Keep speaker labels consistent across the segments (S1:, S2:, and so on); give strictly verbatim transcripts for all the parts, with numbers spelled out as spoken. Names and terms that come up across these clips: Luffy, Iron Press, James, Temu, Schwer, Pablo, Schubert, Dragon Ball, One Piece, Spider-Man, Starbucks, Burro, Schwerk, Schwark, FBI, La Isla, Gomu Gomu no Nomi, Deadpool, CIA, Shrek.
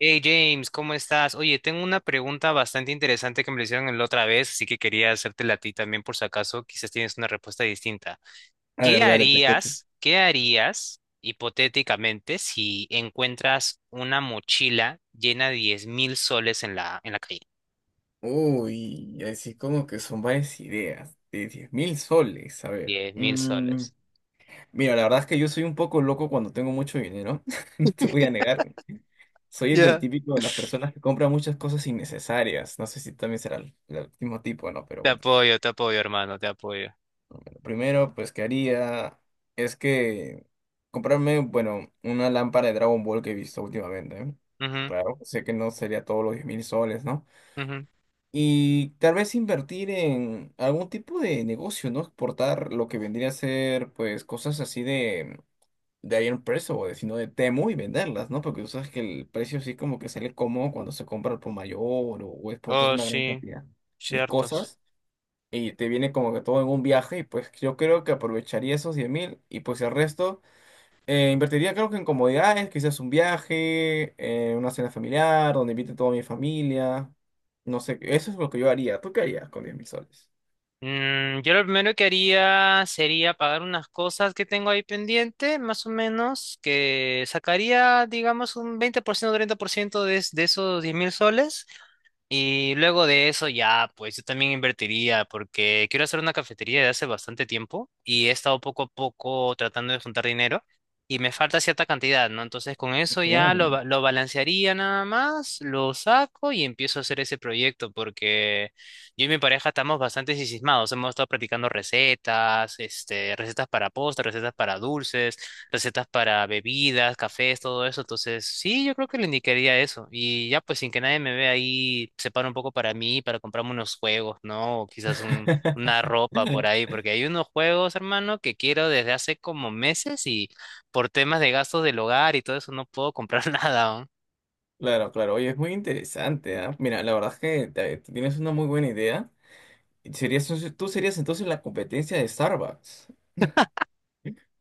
S1: Hey James, ¿cómo estás? Oye, tengo una pregunta bastante interesante que me la hicieron la otra vez, así que quería hacértela a ti también por si acaso, quizás tienes una respuesta distinta.
S2: A
S1: ¿Qué
S2: ver, dale, te escucho.
S1: harías, qué harías hipotéticamente si encuentras una mochila llena de diez mil soles en la, en la calle?
S2: Uy, así como que son varias ideas de diez mil soles. A ver.
S1: Diez mil
S2: Mm,
S1: soles.
S2: mira, la verdad es que yo soy un poco loco cuando tengo mucho dinero. No te voy a negar. Soy el del
S1: Ya.
S2: típico de las personas que compran muchas cosas innecesarias. No sé si también será el, el mismo tipo, ¿no? Pero
S1: Te
S2: bueno.
S1: apoyo, te apoyo, hermano, te apoyo.
S2: Lo primero, pues, que haría es que comprarme, bueno, una lámpara de Dragon Ball que he visto últimamente. ¿Eh?
S1: Ujú,
S2: Claro, sé que no sería todos los diez mil soles, ¿no?
S1: ujú.
S2: Y tal vez invertir en algún tipo de negocio, ¿no? Exportar lo que vendría a ser, pues, cosas así de, de Iron Press o de, sino de Temu y venderlas, ¿no? Porque tú sabes que el precio sí como que sale cómodo cuando se compra al por mayor o, o exportas
S1: Oh,
S2: una gran
S1: sí,
S2: cantidad de
S1: cierto.
S2: cosas y te viene como que todo en un viaje y pues yo creo que aprovecharía esos diez mil y pues el resto eh, invertiría creo que en comodidades, quizás un viaje, eh, una cena familiar, donde invite toda mi familia. No sé, eso es lo que yo haría. ¿Tú qué harías con diez mil soles?
S1: Mm, yo lo primero que haría sería pagar unas cosas que tengo ahí pendiente, más o menos, que sacaría, digamos, un veinte por ciento o treinta por ciento de, es- de esos diez mil soles. Y luego de eso ya, pues yo también invertiría porque quiero hacer una cafetería de hace bastante tiempo y he estado poco a poco tratando de juntar dinero y me falta cierta cantidad, ¿no? Entonces con eso ya lo,
S2: Claro.
S1: ba- lo balancearía nada más, lo saco y empiezo a hacer ese proyecto porque yo y mi pareja estamos bastante sismados, hemos estado practicando recetas, este, recetas para postres, recetas para dulces, recetas para bebidas, cafés, todo eso. Entonces, sí, yo creo que le indicaría eso. Y ya, pues sin que nadie me vea ahí, separo un poco para mí, para comprarme unos juegos, ¿no? O quizás un, una ropa por ahí, porque hay unos juegos, hermano, que quiero desde hace como meses y por temas de gastos del hogar y todo eso no puedo comprar nada.
S2: Claro, claro. Oye, es muy interesante, ¿ah? Mira, la verdad es que te- te tienes una muy buena idea. Serías, Tú serías entonces la competencia de Starbucks.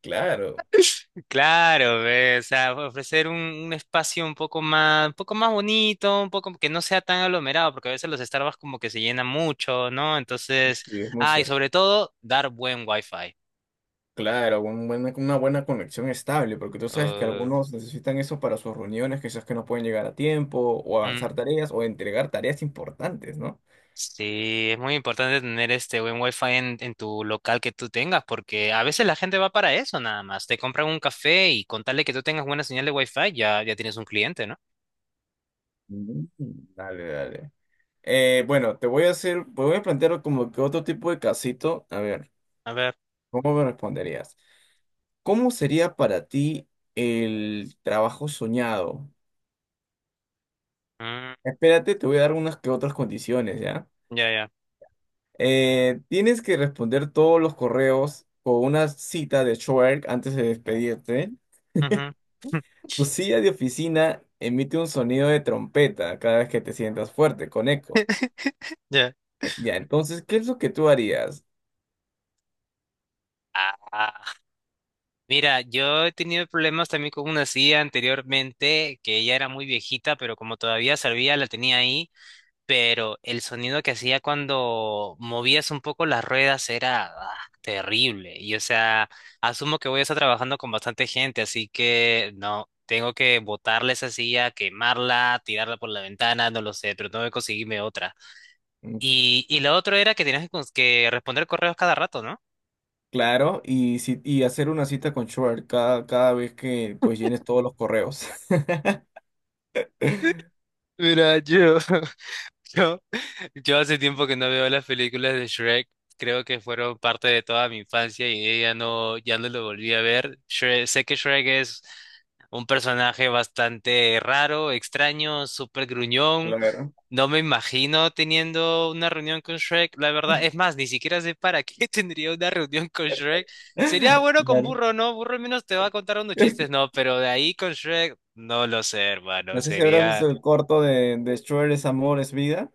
S2: Claro.
S1: Claro, ve, o sea, ofrecer un, un espacio un poco más, un poco más bonito, un poco que no sea tan aglomerado, porque a veces los Starbucks como que se llenan mucho, ¿no? Entonces,
S2: Sí, es muy
S1: ah, y
S2: cierto.
S1: sobre todo, dar buen wifi.
S2: Claro, un buena- una buena conexión estable, porque tú sabes que
S1: Uh,
S2: algunos necesitan eso para sus reuniones, quizás que no pueden llegar a tiempo, o
S1: mm,
S2: avanzar tareas, o entregar tareas importantes, ¿no?
S1: sí, es muy importante tener este buen Wi-Fi en, en tu local que tú tengas, porque a veces la gente va para eso nada más. Te compran un café y con tal de que tú tengas buena señal de Wi-Fi, ya, ya tienes un cliente, ¿no?
S2: Mm. Dale, dale. Eh, bueno, te voy a hacer, te voy a plantear como que otro tipo de casito. A ver,
S1: A ver.
S2: ¿cómo me responderías? ¿Cómo sería para ti el trabajo soñado?
S1: mm,
S2: Espérate, te voy a dar unas que otras condiciones, ¿ya?
S1: ya, ya.
S2: Eh, tienes que responder todos los correos con una cita de Schwerk antes de despedirte.
S1: Ujú,
S2: Tu silla de oficina emite un sonido de trompeta cada vez que te sientas fuerte, con eco.
S1: ya.
S2: Eh, ya, entonces, ¿qué es lo que tú harías?
S1: Mira, yo he tenido problemas también con una silla anteriormente, que ya era muy viejita, pero como todavía servía, la tenía ahí, pero el sonido que hacía cuando movías un poco las ruedas era ah, terrible. Y o sea, asumo que voy a estar trabajando con bastante gente, así que no, tengo que botarle esa silla, quemarla, tirarla por la ventana, no lo sé, pero tengo que conseguirme otra.
S2: Mm.
S1: Y, y lo otro era que tenías que, cons- que responder correos cada rato, ¿no?
S2: Claro, y, si- y hacer una cita con Schwerk cada, cada vez que pues llenes todos los correos.
S1: Mira, yo, yo Yo hace tiempo que no veo las películas de Shrek, creo que fueron parte de toda mi infancia y ya no, ya no lo volví a ver. Shre- sé que Shrek es un personaje bastante raro, extraño, súper gruñón.
S2: Claro.
S1: No me imagino teniendo una reunión con Shrek, la verdad. Es más, ni siquiera sé para qué tendría una reunión con Shrek. Sería bueno con
S2: Claro.
S1: Burro, ¿no? Burro al menos te va a contar unos chistes, ¿no? Pero de ahí con Shrek, no lo sé,
S2: No
S1: hermano.
S2: sé si habrás visto
S1: Sería...
S2: el corto de, de Schwer es amor, es vida.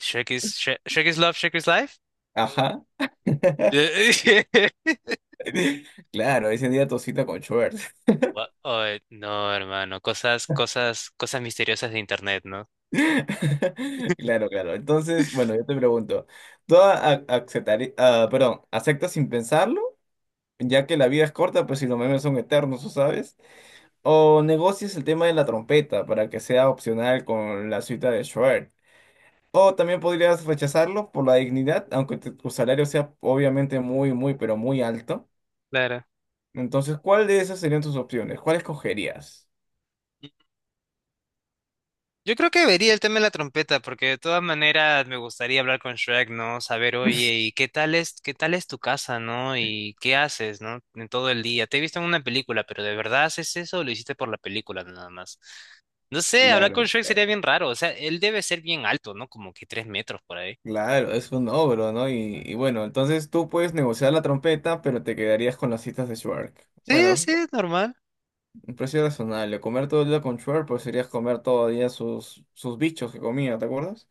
S1: Shrek is, Shrek, Shrek is Love, Shrek is Life.
S2: Ajá.
S1: De-
S2: Claro, ese día tu cita con Schwer.
S1: Gua- Ay, no, hermano, cosas, cosas, cosas misteriosas de internet, ¿no?
S2: Claro, claro. Entonces, bueno, yo te pregunto, ¿tú a- aceptari- ah, perdón, aceptas sin pensarlo, ya que la vida es corta, pues si los memes son eternos, ¿o sabes? ¿O negocias el tema de la trompeta para que sea opcional con la suite de Schubert? O también podrías rechazarlo por la dignidad, aunque te- tu salario sea obviamente muy, muy, pero muy alto.
S1: Claro.
S2: Entonces, ¿cuál de esas serían tus opciones? ¿Cuál escogerías?
S1: Yo creo que vería el tema de la trompeta, porque de todas maneras me gustaría hablar con Shrek, ¿no? Saber, oye, ¿y qué tal es, ¿qué tal es tu casa, ¿no? ¿Y qué haces, ¿no? En todo el día. Te he visto en una película, pero ¿de verdad haces eso o lo hiciste por la película nada más? No sé, hablar con
S2: Claro.
S1: Shrek sería bien raro. O sea, él debe ser bien alto, ¿no? Como que tres metros por ahí.
S2: Claro, es un ogro, ¿no? Y, y bueno, entonces tú puedes negociar la trompeta, pero te quedarías con las citas de Schwark. Bueno,
S1: Sí,
S2: es
S1: sí, normal.
S2: un precio razonable. Comer todo el día con Schwark, pues serías comer todo el día sus, sus bichos que comía, ¿te acuerdas?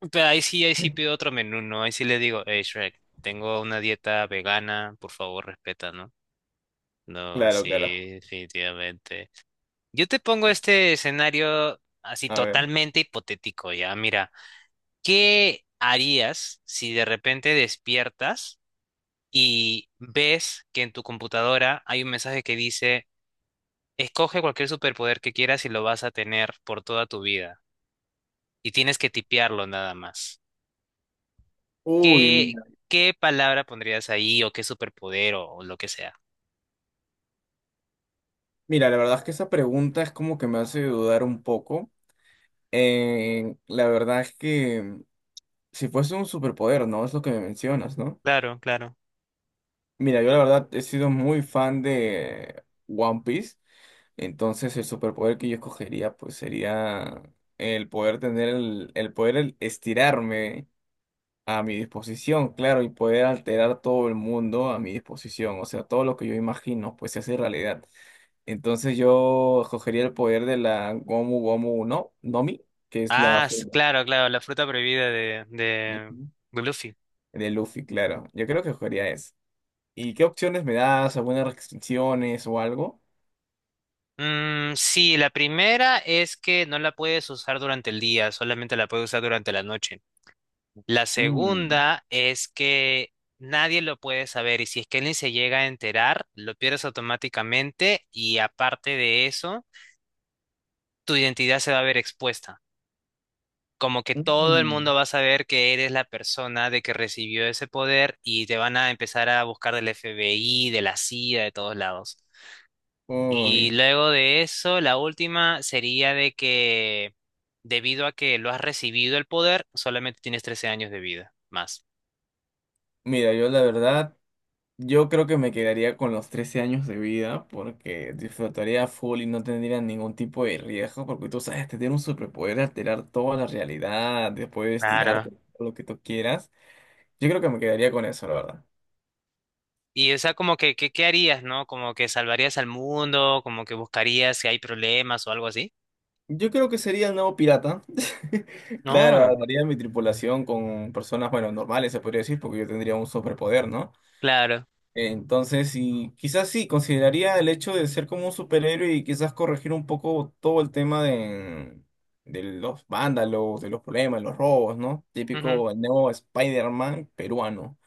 S1: Pero ahí sí, ahí sí
S2: Sí.
S1: pido otro menú, ¿no? Ahí sí le digo, hey Shrek, tengo una dieta vegana, por favor respeta, ¿no? No,
S2: Claro, claro.
S1: sí, definitivamente. Yo te pongo este escenario así
S2: A ver.
S1: totalmente hipotético, ya. Mira, ¿qué harías si de repente despiertas y ves que en tu computadora hay un mensaje que dice, escoge cualquier superpoder que quieras y lo vas a tener por toda tu vida? Y tienes que tipearlo nada más.
S2: Uy,
S1: ¿Qué,
S2: mira.
S1: ¿Qué palabra pondrías ahí o qué superpoder o, o lo que sea?
S2: Mira, la verdad es que esa pregunta es como que me hace dudar un poco. Eh, la verdad es que si fuese un superpoder, ¿no? Es lo que me mencionas, ¿no?
S1: Claro, claro.
S2: Mira, yo la verdad he sido muy fan de One Piece. Entonces el superpoder que yo escogería pues sería el poder tener el, el poder el- estirarme a mi disposición, claro, y poder alterar todo el mundo a mi disposición, o sea, todo lo que yo imagino pues se hace realidad. Entonces yo escogería el poder de la Gomu Gomu no, Nomi, que es la
S1: Ah, s-
S2: forma
S1: claro, claro, la fruta prohibida de,
S2: de
S1: de, de Luffy.
S2: Luffy, claro. Yo creo que escogería eso. ¿Y qué opciones me das? ¿Algunas restricciones o algo?
S1: Mm, sí, la primera es que no la puedes usar durante el día, solamente la puedes usar durante la noche. La
S2: Mm.
S1: segunda es que nadie lo puede saber y si es que alguien se llega a enterar, lo pierdes automáticamente y aparte de eso, tu identidad se va a ver expuesta. Como que todo el
S2: Mm.
S1: mundo va a saber que eres la persona de que recibió ese poder y te van a empezar a buscar del F B I, de la C I A, de todos lados. Y
S2: Uy.
S1: luego de eso, la última sería de que debido a que lo has recibido el poder, solamente tienes trece años de vida más.
S2: Mira, yo la verdad yo creo que me quedaría con los trece años de vida porque disfrutaría full y no tendría ningún tipo de riesgo porque tú sabes, te tiene un superpoder de alterar toda la realidad, después
S1: Claro.
S2: tirarte todo lo que tú quieras. Yo creo que me quedaría con eso, la verdad.
S1: Y o sea, como que, que- ¿qué harías, no? Como que salvarías al mundo, como que buscarías si hay problemas o algo así.
S2: Yo creo que sería el nuevo pirata. Claro,
S1: No,
S2: armaría mi tripulación con personas, bueno, normales, se podría decir, porque yo tendría un superpoder, ¿no?
S1: claro.
S2: Entonces, y quizás sí, consideraría el hecho de ser como un superhéroe y quizás corregir un poco todo el tema de, de los vándalos, de los problemas, de los robos, ¿no?
S1: Ujú.
S2: Típico nuevo Spider-Man peruano.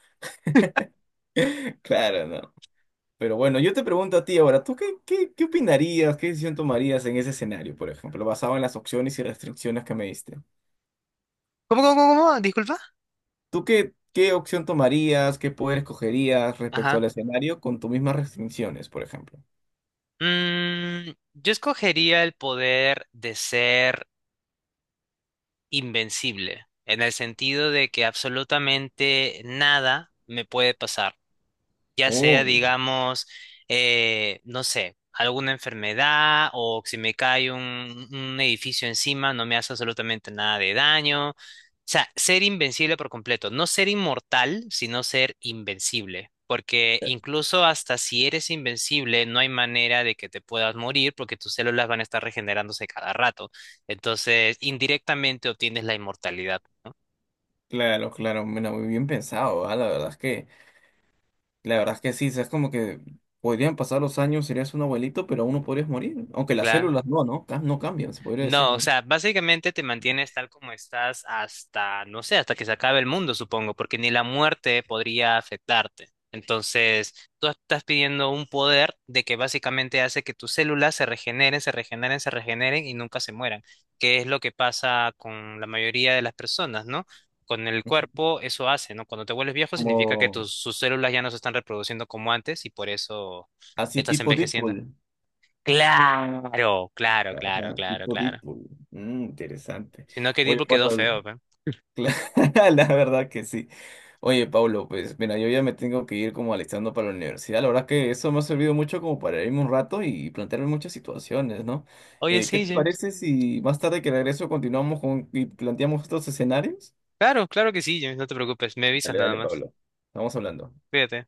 S2: Claro, ¿no? Pero bueno, yo te pregunto a ti ahora, ¿tú qué, qué, qué opinarías, qué decisión tomarías en ese escenario, por ejemplo, basado en las opciones y restricciones que me diste?
S1: ¿Cómo, cómo, cómo? cómo? Disculpa.
S2: ¿Tú qué, qué opción tomarías, qué poder escogerías respecto
S1: Ajá.
S2: al escenario con tus mismas restricciones, por ejemplo?
S1: Mm, yo escogería el poder de ser invencible, en el sentido de que absolutamente nada me puede pasar ya sea,
S2: Uy.
S1: digamos, eh, no sé, alguna enfermedad o si me cae un, un edificio encima, no me hace absolutamente nada de daño. O sea, ser invencible por completo, no ser inmortal, sino ser invencible. Porque incluso hasta si eres invencible, no hay manera de que te puedas morir porque tus células van a estar regenerándose cada rato. Entonces, indirectamente obtienes la inmortalidad,
S2: Claro, claro, mira, muy bien pensado, ¿ah? La verdad es que, la verdad es que sí, o sea, es como que podrían pasar los años, serías un abuelito, pero aún no podrías morir, aunque las
S1: ¿no?
S2: células no, ¿no? Ca- No cambian, se podría decir,
S1: No, o
S2: ¿no?
S1: sea, básicamente te mantienes tal como estás hasta, no sé, hasta que se acabe el mundo, supongo, porque ni la muerte podría afectarte. Entonces, tú estás pidiendo un poder de que básicamente hace que tus células se regeneren, se regeneren, se regeneren y nunca se mueran, que es lo que pasa con la mayoría de las personas, ¿no? Con el cuerpo eso hace, ¿no? Cuando te vuelves viejo significa que
S2: Como
S1: tus, sus células ya no se están reproduciendo como antes y por eso
S2: así
S1: estás
S2: tipo
S1: envejeciendo.
S2: Deadpool.
S1: Claro, claro, claro,
S2: Ajá,
S1: claro,
S2: tipo
S1: claro.
S2: Deadpool. Mm, interesante.
S1: Si no, que
S2: Oye,
S1: tipo quedó
S2: Pablo,
S1: feo, pe.
S2: la verdad que sí. Oye, Pablo, pues mira, yo ya me tengo que ir como alistando para la universidad. La verdad que eso me ha servido mucho como para irme un rato y plantearme muchas situaciones, ¿no?
S1: Oye,
S2: Eh, ¿qué
S1: sí,
S2: te
S1: James.
S2: parece si más tarde que regreso continuamos con y planteamos estos escenarios?
S1: Claro, claro que sí, James, no te preocupes. Me avisas
S2: Dale,
S1: nada
S2: dale,
S1: más.
S2: Pablo. Estamos hablando.
S1: Cuídate.